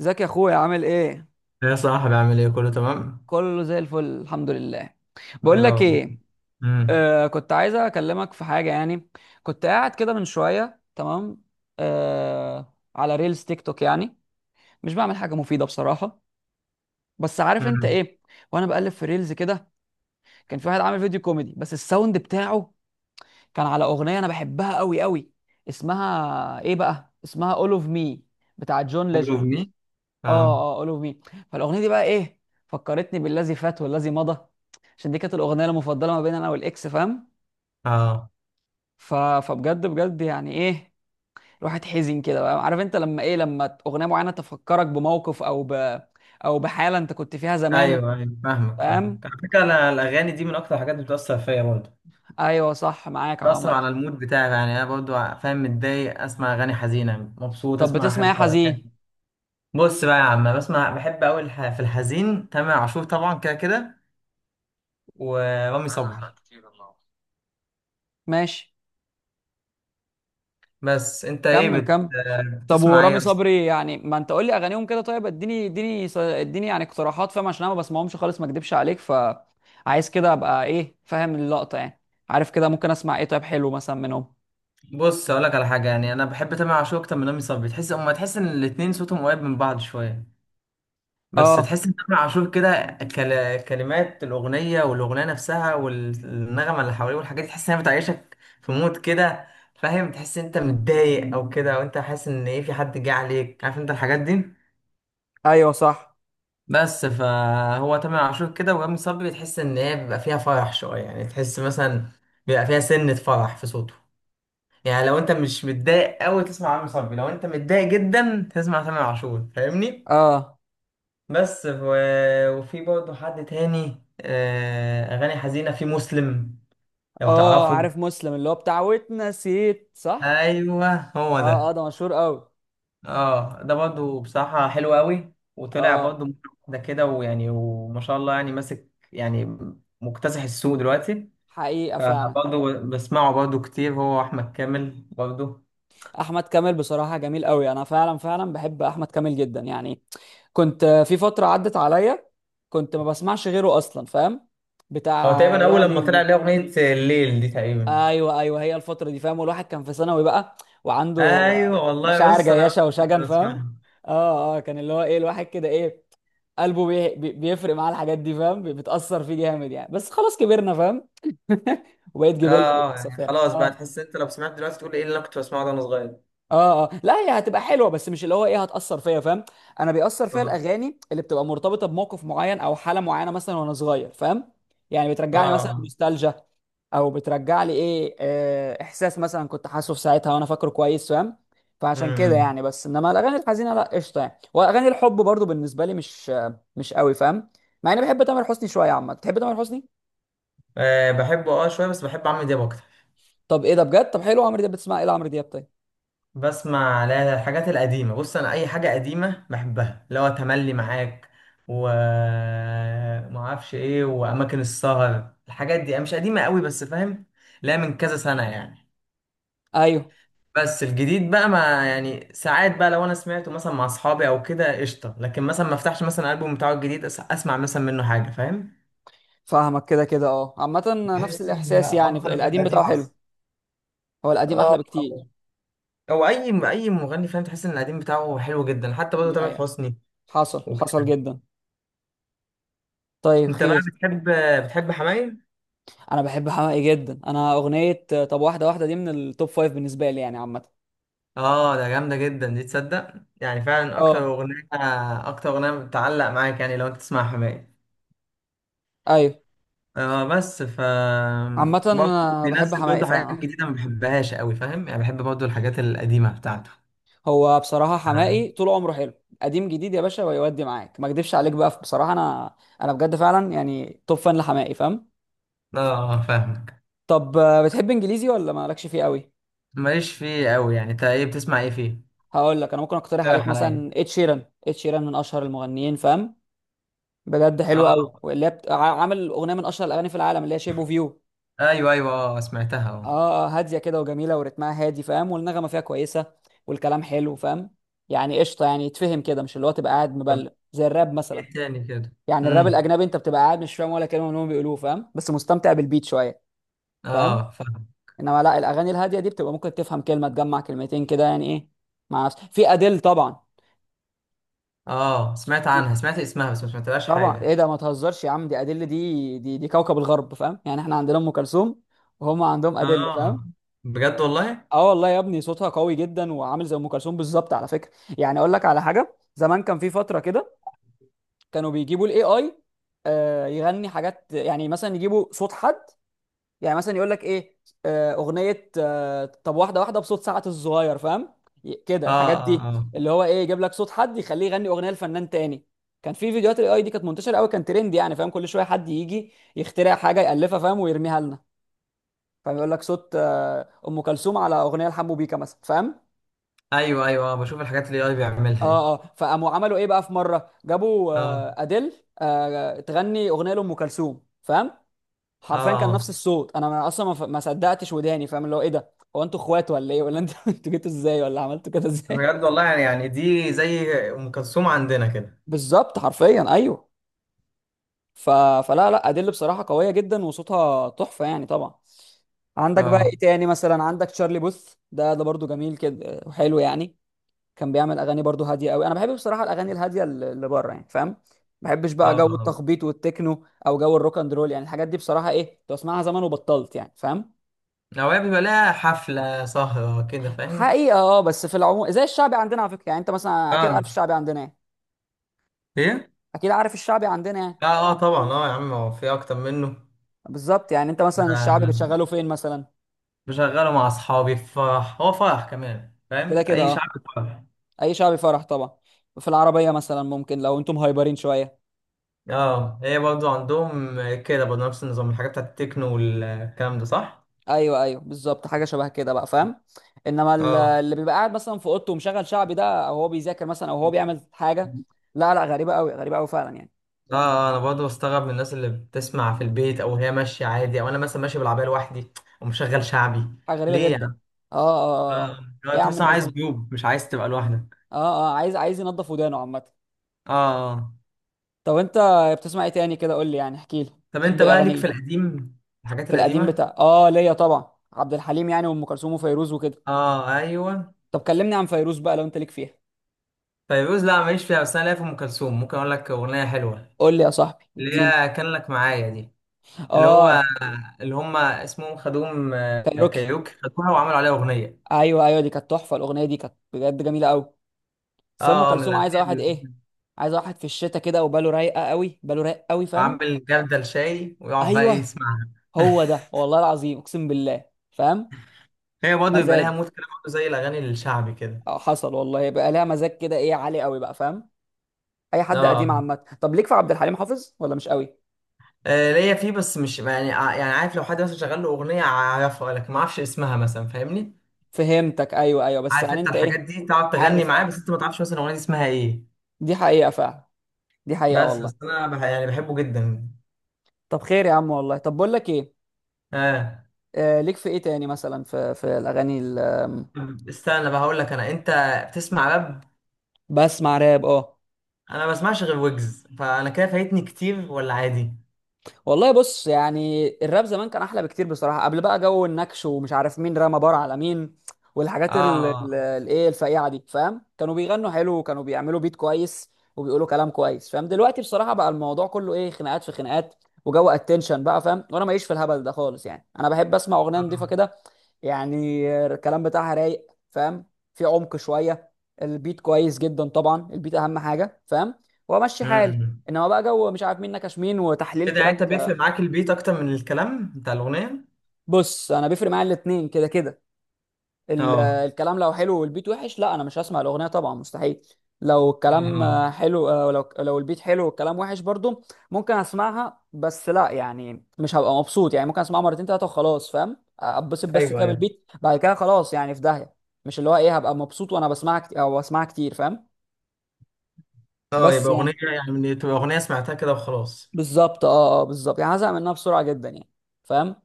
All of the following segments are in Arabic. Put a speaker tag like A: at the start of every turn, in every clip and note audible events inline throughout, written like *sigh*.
A: ازيك يا اخويا؟ عامل ايه؟
B: يا صاحبي، عامل ايه؟ كله تمام.
A: كله زي الفل الحمد لله.
B: ايه
A: بقول لك
B: الاخبار؟
A: ايه،
B: امم.
A: كنت عايز اكلمك في حاجه يعني. كنت قاعد كده من شويه، تمام، على ريلز تيك توك يعني. مش بعمل حاجه مفيده بصراحه، بس عارف انت
B: امم.
A: ايه. وانا بقلب في ريلز كده، كان في واحد عامل فيديو كوميدي، بس الساوند بتاعه كان على اغنيه انا بحبها قوي قوي. اسمها ايه بقى؟ اسمها All of Me بتاع جون
B: All of
A: ليجند.
B: me.
A: اه،
B: اه.
A: اه، اولو مي. فالاغنيه دي بقى ايه؟ فكرتني بالذي فات والذي مضى، عشان دي كانت الاغنيه المفضله ما بين انا والاكس، فاهم.
B: اه.
A: فبجد بجد يعني ايه، الواحد حزين كده بقى، عارف انت لما ايه، لما اغنيه معينه تفكرك بموقف او بحاله انت كنت فيها زمان،
B: ايوه، ايوه، فاهمك فاهمك،
A: فاهم.
B: على فكره انا الاغاني دي من اكتر الحاجات اللي بتاثر فيا برضه.
A: ايوه، صح معاك يا
B: بتاثر
A: عمر.
B: على المود بتاعي، يعني انا برضه فاهم، متضايق اسمع اغاني حزينه، مبسوط
A: طب
B: اسمع
A: بتسمع ايه
B: حاجة.
A: حزين؟
B: بص بقى يا عم، أنا بسمع، بحب قوي في الحزين تامر عاشور طبعا، كده كده. ورامي صبري.
A: ماشي،
B: بس انت ايه
A: كمل كمل. طب
B: بتسمع ايه؟
A: ورامي صبري يعني، ما انت قول لي اغانيهم كده. طيب اديني اديني، اديني يعني اقتراحات، فاهم، عشان انا ما بسمعهمش خالص ما اكدبش عليك، فعايز كده ابقى ايه، فاهم اللقطة يعني. عارف كده ممكن اسمع ايه طيب حلو مثلا منهم؟
B: بص اقول لك على حاجه، يعني انا بحب تامر عاشور اكتر من رامي صبري. تحس، اما تحس ان الاتنين صوتهم قريب من بعض شويه، بس
A: اه،
B: تحس ان تامر عاشور كده، كلمات الاغنيه والاغنيه نفسها والنغمه اللي حواليه والحاجات دي، تحس انها بتعيشك في مود كده. فاهم، تحس إن انت متضايق او كده، او انت حاسس ان ايه، في حد جه عليك، عارف انت الحاجات دي.
A: ايوه صح.
B: بس فهو تامر عاشور كده، ورامي صبري تحس ان هي بيبقى فيها فرح شويه، يعني تحس مثلا بيبقى فيها سنه فرح في صوته. يعني لو انت مش متضايق قوي تسمع عمرو صبري، لو انت متضايق جدا تسمع تامر عاشور، فاهمني؟
A: اه،
B: بس وفي برضه حد تاني، اغاني حزينه، في مسلم، لو
A: اه،
B: تعرفه.
A: عارف مسلم اللي هو بتاع واتنسيت صح.
B: ايوه هو
A: اه، اه،
B: ده.
A: ده مشهور قوي.
B: اه ده برضه بصراحه حلو قوي، وطلع
A: اه،
B: برضه مرة واحده كده، ويعني وما شاء الله يعني، ماسك يعني، مكتسح السوق دلوقتي.
A: حقيقة فعلا.
B: فبرضه بسمعه برضه كتير. هو احمد كامل برضه،
A: احمد كامل بصراحة جميل قوي، انا فعلا فعلا بحب احمد كامل جدا يعني. كنت في فترة عدت عليا، كنت ما بسمعش غيره أصلا، فاهم،
B: هو
A: بتاع.
B: تقريبا اول
A: يا
B: لما
A: ليل
B: طلع ليه
A: دي،
B: اغنيه الليل دي تقريبا.
A: أيوه أيوه هي الفترة دي، فاهم، والواحد كان في ثانوي بقى وعنده
B: ايوه والله.
A: مشاعر
B: بص انا
A: جياشة
B: كنت
A: وشجن، فاهم.
B: بسمعها.
A: اه، اه، كان اللي هو ايه الواحد كده ايه، قلبه بيفرق معاه الحاجات دي، فاهم، بتأثر فيه جامد يعني، بس خلاص كبرنا، فاهم. *laughs* وبقيت
B: اه،
A: جبلة للأسف
B: يعني
A: يعني.
B: خلاص بقى،
A: اه.
B: تحس انت لو سمعت دلوقتي تقول ايه اللي انا كنت بسمعه ده وانا صغير.
A: اه، اه، لا هي هتبقى حلوه، بس مش اللي هو ايه هتاثر فيا، فاهم. انا بيأثر فيا
B: اه،
A: الاغاني اللي بتبقى مرتبطه بموقف معين او حاله معينه مثلا وانا صغير، فاهم. يعني بترجع لي مثلا
B: اه.
A: نوستالجيا، او بترجع لي ايه، احساس مثلا كنت حاسه في ساعتها وانا فاكره كويس، فاهم. فعشان كده
B: امم.
A: يعني. بس انما الاغاني الحزينه لا قشطه يعني، واغاني الحب برضو بالنسبه لي مش مش قوي، فاهم. مع اني بحب تامر حسني شويه عامه. تحب تامر حسني؟
B: آه، بحبه شويه، بس بحب عمرو دياب اكتر.
A: طب ايه ده بجد، طب حلو عمرو دياب، بتسمع ايه لعمرو دياب طيب؟
B: بسمع، لا لا، الحاجات القديمه. بص انا اي حاجه قديمه بحبها، اللي هو تملي معاك و ما اعرفش ايه، واماكن السهر، الحاجات دي مش قديمه قوي بس، فاهم. لا، من كذا سنه يعني.
A: ايوه،
B: بس الجديد بقى ما، يعني ساعات بقى لو انا سمعته مثلا مع اصحابي او كده، قشطه. لكن مثلا ما افتحش مثلا الالبوم بتاعه الجديد، اسمع مثلا منه حاجه، فاهم.
A: فاهمك كده كده، اه عامة. نفس
B: بحس ان
A: الإحساس يعني،
B: افضل من
A: القديم
B: القديم
A: بتاعه حلو،
B: احسن.
A: هو القديم أحلى
B: اه،
A: بكتير.
B: او اي مغني، فاهم، تحس ان القديم بتاعه حلو جدا، حتى برضه
A: دي
B: تامر
A: حقيقة،
B: حسني.
A: حصل حصل
B: وكده.
A: جدا. طيب
B: انت بقى
A: خير.
B: بتحب، حماية؟
A: أنا بحب حماقي جدا، أنا أغنية طب واحدة واحدة دي من التوب فايف بالنسبة لي يعني عامة.
B: اه ده جامده جدا دي، تصدق يعني فعلا
A: اه،
B: اكتر اغنيه بتعلق معاك، يعني لو انت تسمع حماية.
A: أيوه.
B: اه بس
A: عامة
B: برضه
A: أنا بحب
B: بينزل
A: حماقي
B: برضه
A: فعلا
B: حاجات
A: آه.
B: جديدة ما بحبهاش قوي، فاهم يعني، بحب برضه الحاجات القديمة بتاعته.
A: هو بصراحة
B: اه،
A: حماقي طول عمره حلو، قديم جديد، يا باشا ويودي معاك ما أكدبش عليك بقى بصراحة، أنا بجد فعلا يعني توب فان لحماقي، فاهم.
B: فاهمك.
A: طب بتحب إنجليزي ولا مالكش فيه قوي؟
B: ماليش فيه قوي. يعني انت ايه بتسمع ايه فيه؟
A: هقول لك انا ممكن اقترح عليك
B: اقترح عليا.
A: مثلا ed شيران، ed شيران من اشهر المغنيين، فاهم. بجد حلو قوي،
B: اه،
A: واللي هي بت... ع- عامل اغنيه من اشهر الاغاني في العالم اللي هي شيب اوف يو.
B: ايوه، ايوه. اه سمعتها،
A: اه،
B: اه.
A: هاديه كده وجميله ورتمها هادي، فاهم، والنغمه فيها كويسه، والكلام حلو، فاهم. يعني قشطه يعني، يتفهم كده، مش اللي هو تبقى قاعد
B: طب
A: مبلم زي الراب مثلا.
B: ايه تاني كده؟
A: يعني الراب
B: امم.
A: الاجنبي انت بتبقى قاعد مش فاهم ولا كلمه من اللي هم بيقولوه، فاهم، بس مستمتع بالبيت شويه. فاهم.
B: اه فاهم.
A: انما لا، الاغاني الهاديه دي بتبقى ممكن تفهم كلمه تجمع كلمتين كده يعني ايه. مع نفسك في اديل طبعا.
B: اه سمعت عنها، سمعت اسمها بس ما سمعتلهاش
A: طبعا ايه
B: حاجة.
A: ده ما تهزرش يا عم، دي ادله، دي كوكب الغرب، فاهم، يعني احنا عندنا ام كلثوم، وهم عندهم ادله، فاهم.
B: اه. بجد والله؟
A: اه والله يا ابني، صوتها قوي جدا وعامل زي ام كلثوم بالظبط على فكره. يعني اقول لك على حاجه، زمان كان في فتره كده كانوا بيجيبوا الاي اي يغني حاجات، يعني مثلا يجيبوا صوت حد، يعني مثلا يقول لك ايه، اغنيه طب واحده واحده بصوت سعد الصغير، فاهم. كده
B: اه،
A: الحاجات
B: اه،
A: دي،
B: اه،
A: اللي هو ايه، يجيب لك صوت حد يخليه يغني اغنيه لفنان تاني. كان في فيديوهات الاي اي دي كانت منتشره قوي، كان ترند يعني، فاهم، كل شويه حد يجي يخترع حاجه يالفها، فاهم، ويرميها لنا. فاهم، يقول لك صوت ام كلثوم على اغنيه لحمو بيكا مثلا، فاهم.
B: ايوه، ايوه، بشوف الحاجات اللي اي بيعملها دي.
A: اه، اه، فقاموا عملوا ايه بقى، في مره جابوا
B: اه،
A: اديل تغني اغنيه لام كلثوم، فاهم.
B: اه،
A: حرفيا كان نفس
B: اه.
A: الصوت، انا اصلا ما صدقتش وداني، فاهم، اللي هو ايه ده. هو انتوا اخوات ولا ايه، ولا انتوا *laughs* انتوا جيتوا ازاي ولا عملتوا كده ازاي؟
B: بجد والله، يعني دي زي ام كلثوم عندنا كده.
A: بالظبط حرفيا، ايوه. ف... فلا لا، ادل بصراحه قويه جدا وصوتها تحفه يعني طبعا. عندك بقى
B: اه،
A: ايه تاني مثلا، عندك تشارلي بوث، ده برضو جميل كده وحلو يعني. كان بيعمل اغاني برضو هاديه قوي، انا بحب بصراحه الاغاني الهاديه اللي بره يعني، فاهم. ما بحبش بقى
B: اه،
A: جو
B: اه.
A: التخبيط والتكنو او جو الروك اند رول، يعني الحاجات دي بصراحه ايه، كنت بسمعها زمان وبطلت يعني، فاهم.
B: اوقات بيبقى لها حفله سهره كده، فاهم.
A: حقيقة اه، بس في العموم زي الشعبي عندنا على فكرة. يعني انت مثلا اكيد
B: آه.
A: عارف الشعبي عندنا ايه.
B: ايه؟
A: اكيد عارف الشعبي عندنا ايه؟
B: لا اه، طبعا اه يا عم، هو في اكتر منه.
A: بالظبط، يعني انت
B: ده
A: مثلا الشعبي
B: آه.
A: بتشغله فين مثلا؟
B: بشغله مع اصحابي في فرح، هو فرح كمان، فاهم،
A: كده كده
B: اي
A: اه،
B: شعب فرح.
A: اي شعبي فرح طبعا. في العربية مثلا ممكن لو انتم هايبرين شوية.
B: اه، هي برضو عندهم كده برضو، نفس النظام، الحاجات بتاعت التكنو والكلام ده، صح.
A: ايوه ايوه، بالظبط حاجة شبه كده بقى، فاهم. انما
B: اه،
A: اللي بيبقى قاعد مثلا في اوضته ومشغل شعبي ده، او هو بيذاكر مثلا، او هو بيعمل حاجة. لا لا، غريبة قوي غريبة قوي فعلا يعني.
B: اه. انا برضه بستغرب من الناس اللي بتسمع في البيت او هي ماشيه عادي، او انا مثلا ماشي بالعربيه لوحدي ومشغل شعبي.
A: حاجة غريبة
B: ليه يا
A: جدا.
B: عم؟
A: اه، اه، اه.
B: آه، آه،
A: ايه يا عم
B: تحس إن
A: الناس
B: عايز
A: دي،
B: جروب، مش عايز تبقى لوحدك.
A: اه، اه، عايز عايز ينضف ودانه عامة.
B: اه. آه.
A: طب انت بتسمع ايه تاني كده؟ قول لي يعني احكي لي،
B: طب
A: تحب
B: انت
A: ايه
B: بقى
A: اغاني
B: ليك في
A: ايه؟
B: القديم، الحاجات
A: في القديم
B: القديمه؟
A: بتاع اه ليا طبعا عبد الحليم، يعني وام كلثوم وفيروز وكده.
B: اه، ايوه.
A: طب كلمني عن فيروز بقى لو انت ليك فيها.
B: فيروز لا ماليش فيها، بس انا ليا في ام كلثوم، ممكن اقول لك اغنيه حلوه،
A: قول لي يا صاحبي،
B: اللي
A: اديني.
B: هي كان لك معايا دي، اللي هو
A: اه،
B: اللي هم اسمهم خدوم،
A: كايروكي،
B: كايروكي، خدوها وعملوا عليها اغنيه.
A: ايوه ايوه دي كانت تحفه، الاغنيه دي كانت بجد جميله قوي. بس ام
B: اه، من
A: كلثوم عايزه
B: الاغاني
A: واحد
B: اللي
A: ايه، عايزه واحد في الشتاء كده وباله رايقه قوي، باله رايق قوي، فاهم.
B: عامل جردل شاي ويقعد بقى ايه
A: ايوه
B: يسمعها.
A: هو
B: *laughs*
A: ده، والله العظيم اقسم بالله، فاهم،
B: هي برضه بيبقى ليها
A: مزاج.
B: مود كده برضه، زي الاغاني الشعبي كده.
A: اه، حصل والله، بقى لها مزاج كده ايه عالي قوي بقى، فاهم. اي حد
B: اه،
A: قديم عامه. طب ليك في عبد الحليم حافظ ولا مش قوي؟
B: ليا فيه، بس مش يعني، يعني عارف لو حد مثلا شغال له اغنيه اعرفها لكن ما اعرفش اسمها مثلا، فاهمني؟
A: فهمتك، ايوه ايوه، بس
B: عارف
A: يعني
B: انت
A: انت
B: الحاجات
A: ايه.
B: دي، تقعد تغني
A: عارف،
B: معاه
A: اه،
B: بس انت ما تعرفش مثلا الاغنيه دي اسمها ايه.
A: دي حقيقه فعلا، دي حقيقه
B: بس
A: والله.
B: انا يعني بحبه جدا.
A: طب خير يا عم والله. طب بقول لك ايه.
B: اه.
A: ليك في ايه تاني مثلا، في الاغاني ال- آم،
B: طب استنى بقى، هقول لك انا، انت بتسمع راب؟
A: بسمع راب، اه.
B: انا ما بسمعش غير ويجز، فانا كده فايتني كتير ولا عادي؟
A: والله بص، يعني الراب زمان كان احلى بكتير بصراحه، قبل بقى جو النكش ومش عارف مين رمى بار على مين، والحاجات
B: اه.
A: الايه الفقيعه دي، فاهم، كانوا بيغنوا حلو وكانوا بيعملوا بيت كويس، وبيقولوا كلام كويس، فاهم. دلوقتي بصراحه بقى الموضوع كله ايه، خناقات في خناقات، وجو اتنشن بقى، فاهم، وانا ماليش في الهبل ده خالص يعني. انا بحب اسمع اغنيه نظيفه
B: آه.
A: كده، يعني الكلام بتاعها رايق، فاهم، في عمق شويه، البيت كويس جدا طبعا، البيت اهم حاجه، فاهم، وامشي حالي.
B: امم.
A: انما بقى جو مش عارف مين نكش مين وتحليل
B: كده يعني
A: تراك.
B: انت بيفرق معاك البيت اكتر من الكلام بتاع الاغنيه؟
A: بص، انا بيفرق معايا الاتنين كده كده.
B: اه،
A: الكلام لو حلو والبيت وحش، لا انا مش هسمع الاغنيه طبعا مستحيل. لو
B: اه،
A: الكلام
B: اه،
A: حلو، لو البيت حلو والكلام وحش برضو، ممكن اسمعها، بس لا يعني مش هبقى مبسوط يعني، ممكن اسمعها مرتين تلاته وخلاص، فاهم، اتبسط بس
B: ايوه،
A: كده
B: ايوه.
A: بالبيت، بعد كده خلاص يعني في داهيه. مش اللي هو ايه هبقى مبسوط وانا بسمعها كتير او بسمعها كتير، فاهم.
B: اه
A: بس
B: يبقى اغنيه،
A: يعني.
B: يعني تبقى اغنيه سمعتها كده وخلاص،
A: بالظبط، اه، اه، بالظبط يعني هزهق منها بسرعه جدا يعني، فاهم.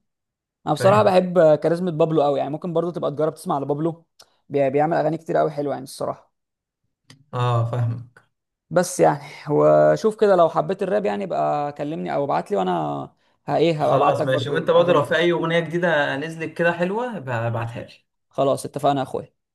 A: انا بصراحه
B: فاهم.
A: بحب كاريزما بابلو قوي يعني، ممكن برضو تبقى تجرب تسمع لبابلو. بيعمل اغاني كتير قوي حلوه يعني الصراحه.
B: اه، فاهمك.
A: بس يعني، وشوف كده لو حبيت الراب يعني يبقى كلمني او ابعت لي، وانا ه- ايه هبقى ابعت
B: خلاص
A: لك
B: ماشي،
A: برضو
B: وانت برضه
A: اغاني
B: لو في
A: كده.
B: اي اغنيه جديده نزلت كده حلوه، ابعتها لي.
A: خلاص اتفقنا يا اخويا.